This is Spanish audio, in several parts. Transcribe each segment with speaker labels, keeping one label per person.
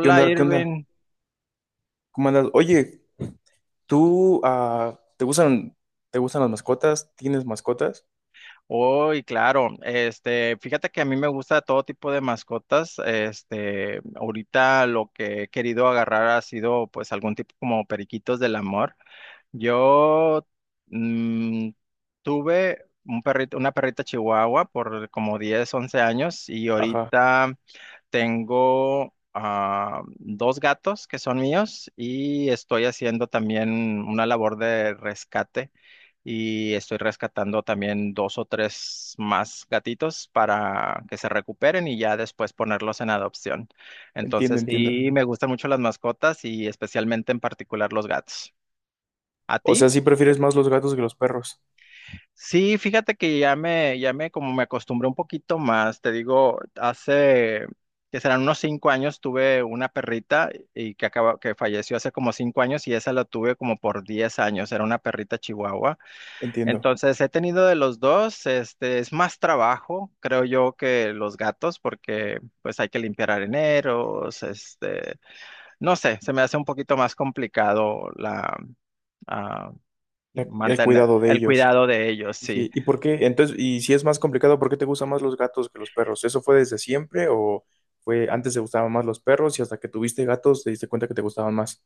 Speaker 1: ¿Qué onda? ¿Qué onda?
Speaker 2: Irving.
Speaker 1: ¿Cómo andas? Oye, ¿tú te gustan las mascotas? ¿Tienes mascotas?
Speaker 2: Hoy, claro, este, fíjate que a mí me gusta todo tipo de mascotas. Este, ahorita lo que he querido agarrar ha sido pues algún tipo como periquitos del amor. Yo mm, tuve un perrito, una perrita chihuahua por como 10, 11 años y
Speaker 1: Ajá,
Speaker 2: ahorita tengo dos gatos que son míos y estoy haciendo también una labor de rescate y estoy rescatando también dos o tres más gatitos para que se recuperen y ya después ponerlos en adopción.
Speaker 1: entiendo,
Speaker 2: Entonces,
Speaker 1: entiendo.
Speaker 2: sí, me gustan mucho las mascotas y especialmente en particular los gatos. ¿A
Speaker 1: O sea,
Speaker 2: ti?
Speaker 1: ¿sí prefieres más los gatos que los perros?
Speaker 2: Sí, fíjate que ya me, como me acostumbré un poquito más, te digo, hace, que serán unos 5 años, tuve una perrita y que acaba, que falleció hace como 5 años y esa la tuve como por 10 años, era una perrita chihuahua.
Speaker 1: Entiendo.
Speaker 2: Entonces, he tenido de los dos, este, es más trabajo, creo yo, que los gatos, porque pues hay que limpiar areneros, este, no sé, se me hace un poquito más complicado la, ah,
Speaker 1: La- el
Speaker 2: mantener
Speaker 1: cuidado de
Speaker 2: el
Speaker 1: ellos.
Speaker 2: cuidado de ellos,
Speaker 1: Sí,
Speaker 2: sí.
Speaker 1: sí. ¿Y por qué? Entonces, y si es más complicado, ¿por qué te gustan más los gatos que los perros? ¿Eso fue desde siempre o fue antes te gustaban más los perros y hasta que tuviste gatos te diste cuenta que te gustaban más?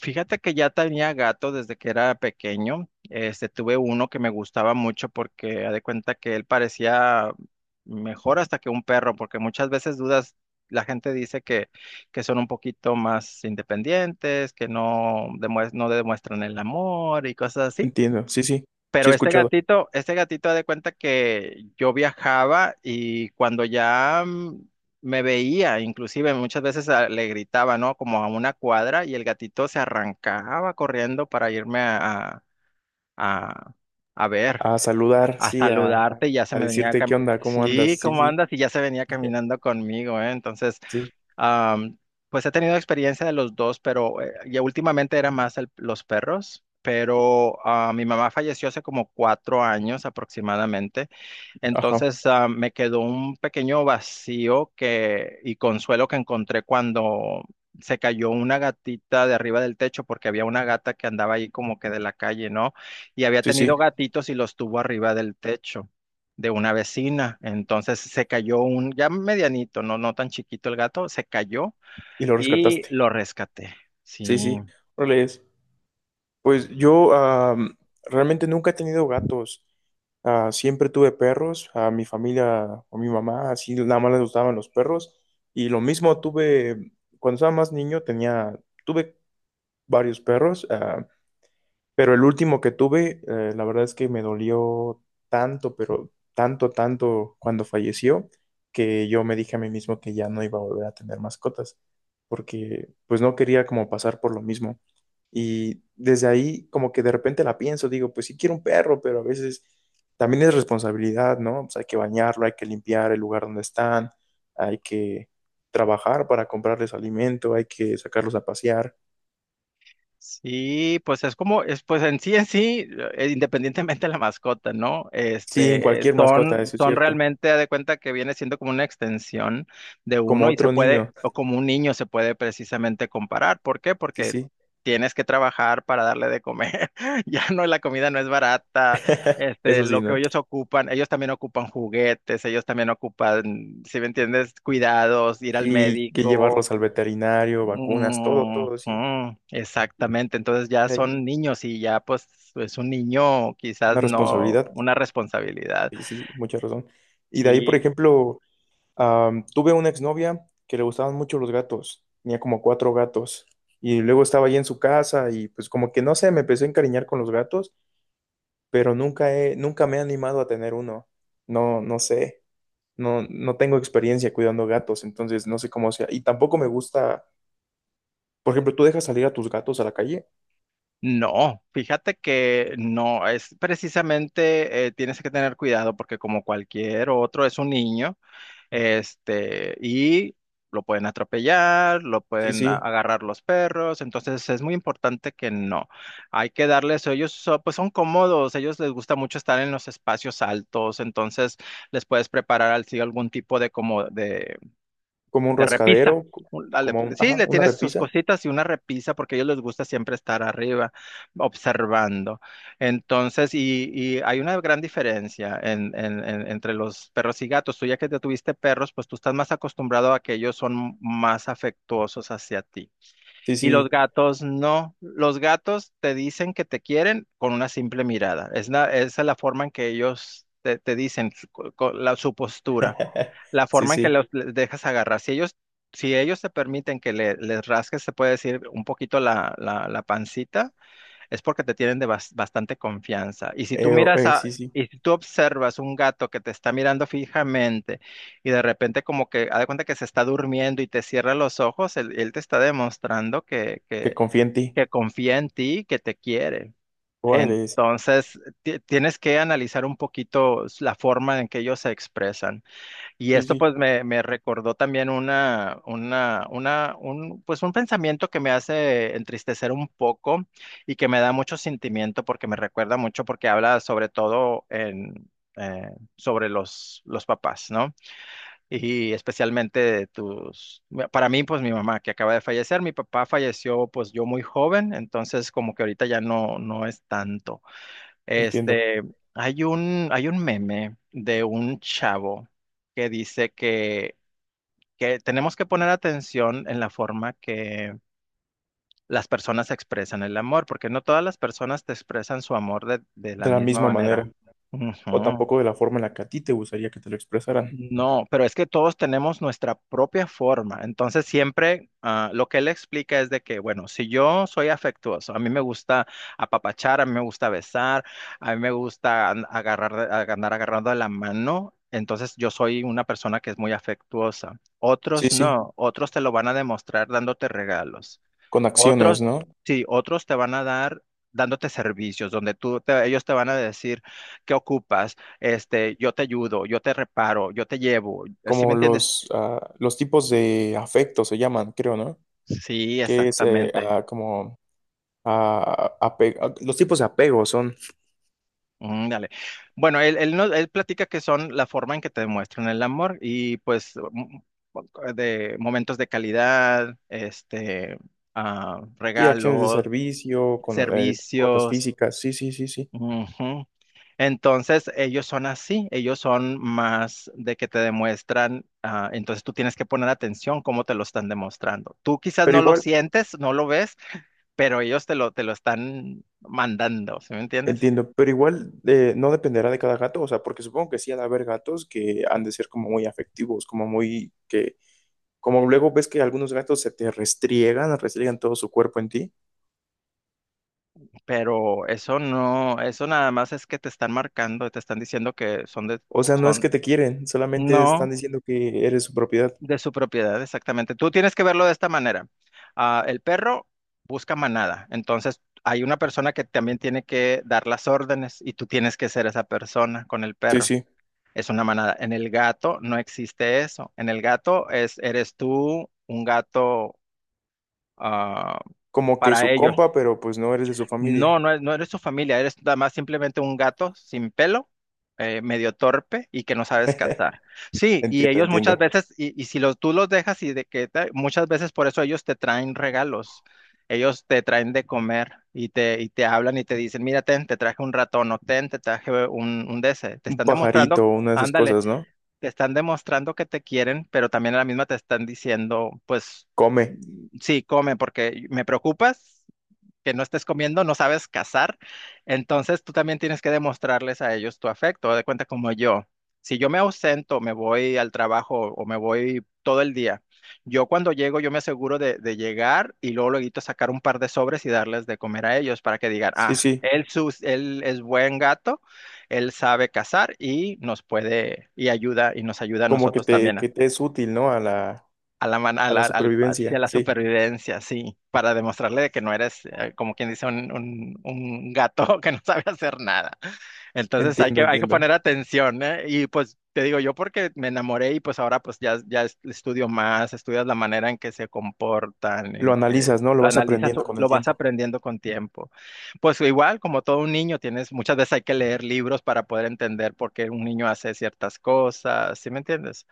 Speaker 2: Fíjate que ya tenía gato desde que era pequeño. Este, tuve uno que me gustaba mucho porque haz de cuenta que él parecía mejor hasta que un perro, porque muchas veces dudas, la gente dice que, son un poquito más independientes, que no, no demuestran el amor y cosas así.
Speaker 1: Entiendo. Sí, sí. Sí he
Speaker 2: Pero
Speaker 1: escuchado.
Speaker 2: este gatito de cuenta que yo viajaba y cuando ya me veía, inclusive muchas veces le gritaba, ¿no? Como a una cuadra y el gatito se arrancaba corriendo para irme a, a, ver,
Speaker 1: A saludar,
Speaker 2: a
Speaker 1: sí,
Speaker 2: saludarte y ya se
Speaker 1: a
Speaker 2: me venía,
Speaker 1: decirte qué onda, cómo
Speaker 2: sí,
Speaker 1: andas. Sí,
Speaker 2: ¿cómo
Speaker 1: sí.
Speaker 2: andas? Y ya se venía caminando conmigo, ¿eh? Entonces
Speaker 1: Sí.
Speaker 2: Am, pues he tenido experiencia de los dos, pero ya últimamente era más los perros, pero mi mamá falleció hace como 4 años aproximadamente.
Speaker 1: Ajá.
Speaker 2: Entonces, me quedó un pequeño vacío que, y consuelo que encontré cuando se cayó una gatita de arriba del techo, porque había una gata que andaba ahí como que de la calle, ¿no? Y había
Speaker 1: Sí, sí,
Speaker 2: tenido gatitos y los tuvo arriba del techo de una vecina. Entonces se cayó un, ya medianito, no, no tan chiquito el gato, se cayó
Speaker 1: y lo
Speaker 2: y
Speaker 1: rescataste.
Speaker 2: lo rescaté. Sí.
Speaker 1: Sí, sí. Órale, es. Pues yo realmente nunca he tenido gatos. Ah, siempre tuve perros. A mi familia, o mi mamá, así nada más les gustaban los perros. Y lo mismo tuve, cuando estaba más niño, tenía, tuve varios perros. Pero el último que tuve, la verdad es que me dolió tanto, pero tanto, tanto cuando falleció, que yo me dije a mí mismo que ya no iba a volver a tener mascotas, porque pues no quería como pasar por lo mismo. Y desde ahí como que de repente la pienso, digo, pues sí quiero un perro, pero a veces también es responsabilidad, ¿no? Pues hay que bañarlo, hay que limpiar el lugar donde están, hay que trabajar para comprarles alimento, hay que sacarlos a pasear.
Speaker 2: Sí, pues es como, es, pues en sí, independientemente de la mascota, ¿no?
Speaker 1: Sí, en
Speaker 2: Este,
Speaker 1: cualquier mascota,
Speaker 2: son,
Speaker 1: eso es
Speaker 2: son
Speaker 1: cierto.
Speaker 2: realmente, haz de cuenta que viene siendo como una extensión de
Speaker 1: Como
Speaker 2: uno y se
Speaker 1: otro niño,
Speaker 2: puede, o como un niño se puede precisamente comparar. ¿Por qué?
Speaker 1: sí,
Speaker 2: Porque
Speaker 1: sí.
Speaker 2: tienes que trabajar para darle de comer. Ya no, la comida no es barata. Este,
Speaker 1: Eso sí,
Speaker 2: lo que
Speaker 1: ¿no?
Speaker 2: ellos ocupan, ellos también ocupan juguetes, ellos también ocupan, si me entiendes, cuidados, ir al
Speaker 1: Sí, que
Speaker 2: médico.
Speaker 1: llevarlos al veterinario, vacunas, todo, todo, sí.
Speaker 2: Ujú, exactamente, entonces ya
Speaker 1: De ahí
Speaker 2: son niños y ya pues es un niño
Speaker 1: una
Speaker 2: quizás no
Speaker 1: responsabilidad,
Speaker 2: una responsabilidad.
Speaker 1: sí, sí, mucha razón. Y de ahí, por
Speaker 2: Sí,
Speaker 1: ejemplo, tuve una exnovia que le gustaban mucho los gatos, tenía como cuatro gatos, y luego estaba ahí en su casa y pues como que no sé, me empecé a encariñar con los gatos, pero nunca he, nunca me he animado a tener uno, no, no sé. No, no tengo experiencia cuidando gatos, entonces no sé cómo sea. Y tampoco me gusta. Por ejemplo, ¿tú dejas salir a tus gatos a la calle?
Speaker 2: no, fíjate que no, es precisamente tienes que tener cuidado porque como cualquier otro es un niño. Este, y lo pueden atropellar, lo
Speaker 1: Sí,
Speaker 2: pueden
Speaker 1: sí,
Speaker 2: agarrar los perros, entonces es muy importante que no. Hay que darles, ellos pues son cómodos, ellos les gusta mucho estar en los espacios altos, entonces les puedes preparar así algún tipo de como
Speaker 1: como un
Speaker 2: de repisa.
Speaker 1: rascadero, co-
Speaker 2: Dale,
Speaker 1: como un,
Speaker 2: sí,
Speaker 1: ajá,
Speaker 2: le
Speaker 1: una
Speaker 2: tienes sus
Speaker 1: repisa.
Speaker 2: cositas y una repisa porque a ellos les gusta siempre estar arriba observando. Entonces, y hay una gran diferencia entre los perros y gatos. Tú ya que te tuviste perros, pues tú estás más acostumbrado a que ellos son más afectuosos hacia ti.
Speaker 1: Sí,
Speaker 2: Y
Speaker 1: sí,
Speaker 2: los gatos no. Los gatos te dicen que te quieren con una simple mirada. Es esa es la forma en que ellos te dicen su postura, la
Speaker 1: sí,
Speaker 2: forma en que
Speaker 1: sí,
Speaker 2: los les dejas agarrar. Si ellos te permiten que les rasques, se puede decir un poquito la pancita, es porque te tienen de bastante confianza. Y si tú miras a,
Speaker 1: sí, sí,
Speaker 2: y si tú observas un gato que te está mirando fijamente y de repente como que, haz de cuenta que se está durmiendo y te cierra los ojos, él te está demostrando que,
Speaker 1: que
Speaker 2: que,
Speaker 1: confía en ti.
Speaker 2: que confía en ti, que te quiere.
Speaker 1: Órale,
Speaker 2: Entonces, tienes que analizar un poquito la forma en que ellos se expresan. Y
Speaker 1: sí,
Speaker 2: esto
Speaker 1: sí,
Speaker 2: pues me recordó también un, pues un pensamiento que me hace entristecer un poco y que me da mucho sentimiento porque me recuerda mucho porque habla sobre todo eh, sobre los papás, ¿no? Y especialmente para mí pues mi mamá que acaba de fallecer, mi papá falleció pues yo muy joven, entonces como que ahorita ya no, no es tanto.
Speaker 1: entiendo.
Speaker 2: Este, hay un, meme de un chavo que dice que tenemos que poner atención en la forma que las personas expresan el amor, porque no todas las personas te expresan su amor de la
Speaker 1: De la
Speaker 2: misma
Speaker 1: misma
Speaker 2: manera.
Speaker 1: manera, o
Speaker 2: Ujú.
Speaker 1: tampoco de la forma en la que a ti te gustaría que te lo expresaran.
Speaker 2: No, pero es que todos tenemos nuestra propia forma. Entonces siempre lo que él explica es de que, bueno, si yo soy afectuoso, a mí me gusta apapachar, a mí me gusta besar, a mí me gusta agarrar, andar agarrando de la mano, entonces yo soy una persona que es muy afectuosa.
Speaker 1: Sí,
Speaker 2: Otros
Speaker 1: sí,
Speaker 2: no, otros te lo van a demostrar dándote regalos.
Speaker 1: con
Speaker 2: Otros,
Speaker 1: acciones, ¿no?
Speaker 2: sí, otros te van a dar dándote servicios donde tú ellos te van a decir qué ocupas, este, yo te ayudo, yo te reparo, yo te llevo. ¿Sí me
Speaker 1: Como
Speaker 2: entiendes?
Speaker 1: los, los tipos de afecto se llaman, creo, ¿no?
Speaker 2: Sí,
Speaker 1: Que es
Speaker 2: exactamente.
Speaker 1: como los tipos de apego son.
Speaker 2: Mm, dale. Bueno, él, no- él platica que son la forma en que te demuestran el amor y pues de momentos de calidad, este,
Speaker 1: Sí, acciones de
Speaker 2: regalos,
Speaker 1: servicio, con cuotas
Speaker 2: servicios.
Speaker 1: físicas, sí, sí, sí, sí.
Speaker 2: Ujú. Entonces, ellos son así, ellos son más de que te demuestran, entonces tú tienes que poner atención cómo te lo están demostrando. Tú quizás
Speaker 1: Pero
Speaker 2: no lo
Speaker 1: igual,
Speaker 2: sientes, no lo ves, pero ellos te lo están mandando, ¿sí me entiendes?
Speaker 1: entiendo, pero igual no dependerá de cada gato, o sea, porque supongo que sí han de haber gatos que han de ser como muy afectivos, como muy que, como luego ves que algunos gatos se te restriegan, restriegan todo su cuerpo en ti.
Speaker 2: Pero eso no, eso nada más es que te están marcando, te están diciendo que son de,
Speaker 1: O sea, no es que
Speaker 2: son,
Speaker 1: te quieren, solamente están
Speaker 2: no,
Speaker 1: diciendo que eres su propiedad.
Speaker 2: de su propiedad, exactamente. Tú tienes que verlo de esta manera. Ah, el perro busca manada, entonces hay una persona que también tiene que dar las órdenes y tú tienes que ser esa persona con el
Speaker 1: Sí,
Speaker 2: perro.
Speaker 1: sí,
Speaker 2: Es una manada. En el gato no existe eso. En el gato eres tú un gato ah,
Speaker 1: como que
Speaker 2: para
Speaker 1: su
Speaker 2: ellos.
Speaker 1: compa, pero pues no eres de su
Speaker 2: No,
Speaker 1: familia.
Speaker 2: no, no eres su familia, eres nada más simplemente un gato sin pelo, medio torpe y que no sabes cazar. Sí, y
Speaker 1: Entiendo,
Speaker 2: ellos muchas
Speaker 1: entiendo.
Speaker 2: veces, y si los, tú los dejas y de que muchas veces por eso ellos te traen regalos, ellos te traen de comer y te hablan y te dicen, mira, ten, te traje un ratón o ten, te traje un de ese". Te
Speaker 1: Un
Speaker 2: están demostrando,
Speaker 1: pajarito, una de esas
Speaker 2: ándale,
Speaker 1: cosas, ¿no?
Speaker 2: te están demostrando que te quieren, pero también a la misma te están diciendo, pues,
Speaker 1: Come.
Speaker 2: mm, sí, come porque me preocupas que no estés comiendo, no sabes cazar, entonces tú también tienes que demostrarles a ellos tu afecto, de cuenta como yo. Si yo me ausento, me voy al trabajo o me voy todo el día, yo cuando llego yo me aseguro de llegar y luego luego sacar un par de sobres y darles de comer a ellos para que digan,
Speaker 1: Sí, sí.
Speaker 2: él es buen gato, él sabe cazar y nos puede y ayuda y nos ayuda a
Speaker 1: Como
Speaker 2: nosotros
Speaker 1: que
Speaker 2: también
Speaker 1: te es útil, ¿no?
Speaker 2: a la, man- a
Speaker 1: A la
Speaker 2: la, al-
Speaker 1: supervivencia,
Speaker 2: hacia la
Speaker 1: sí,
Speaker 2: supervivencia, sí, para demostrarle de que no eres, como quien dice, un gato que no sabe hacer nada. Entonces hay
Speaker 1: entiendo,
Speaker 2: que, hay que
Speaker 1: entiendo.
Speaker 2: poner atención, ¿eh? Y pues te digo yo porque me enamoré y pues ahora pues estudio más, estudias la manera en que se comportan,
Speaker 1: Lo
Speaker 2: en que
Speaker 1: analizas, ¿no? Lo
Speaker 2: lo
Speaker 1: vas
Speaker 2: analizas,
Speaker 1: aprendiendo
Speaker 2: o
Speaker 1: con el
Speaker 2: lo vas
Speaker 1: tiempo.
Speaker 2: aprendiendo con tiempo. Pues igual, como todo un niño, tienes, muchas veces hay que leer libros para poder entender por qué un niño hace ciertas cosas, ¿sí me entiendes?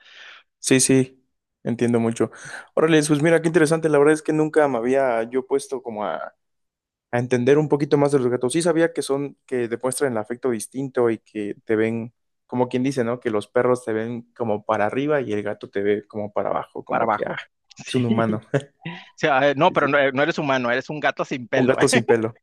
Speaker 1: Sí, sí, entiendo mucho. Órale, pues mira, qué interesante, la verdad es que nunca me había yo puesto como a entender un poquito más de los gatos. Sí sabía que son, que demuestran el afecto distinto y que te ven, como quien dice, ¿no? Que los perros te ven como para arriba y el gato te ve como para abajo,
Speaker 2: Para
Speaker 1: como que, ah,
Speaker 2: abajo.
Speaker 1: es
Speaker 2: Sí.
Speaker 1: un humano.
Speaker 2: Sea, no,
Speaker 1: Sí,
Speaker 2: pero no,
Speaker 1: sí.
Speaker 2: no eres humano, eres un gato sin
Speaker 1: Un
Speaker 2: pelo.
Speaker 1: gato sin pelo.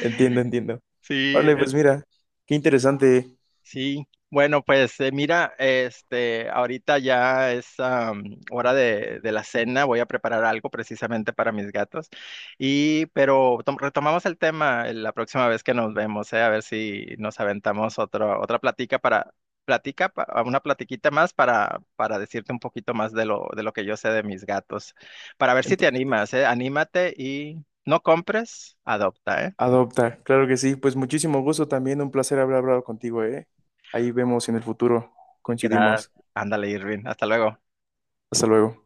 Speaker 1: Entiendo, entiendo.
Speaker 2: Sí,
Speaker 1: Órale, pues mira, qué interesante.
Speaker 2: sí. Bueno, pues mira, este, ahorita ya es hora de la cena. Voy a preparar algo precisamente para mis gatos. Pero retomamos el tema la próxima vez que nos vemos, a ver si nos aventamos otro, otra platica para una platiquita más para, decirte un poquito más de lo que yo sé de mis gatos, para ver si te
Speaker 1: Entiendo,
Speaker 2: animas,
Speaker 1: entiendo.
Speaker 2: anímate y no compres, adopta, ¿eh?
Speaker 1: Adopta, claro que sí. Pues muchísimo gusto también, un placer haber hablado contigo, ¿eh? Ahí vemos si en el futuro
Speaker 2: Gracias.
Speaker 1: coincidimos.
Speaker 2: Ándale, Irving. Hasta luego.
Speaker 1: Hasta luego.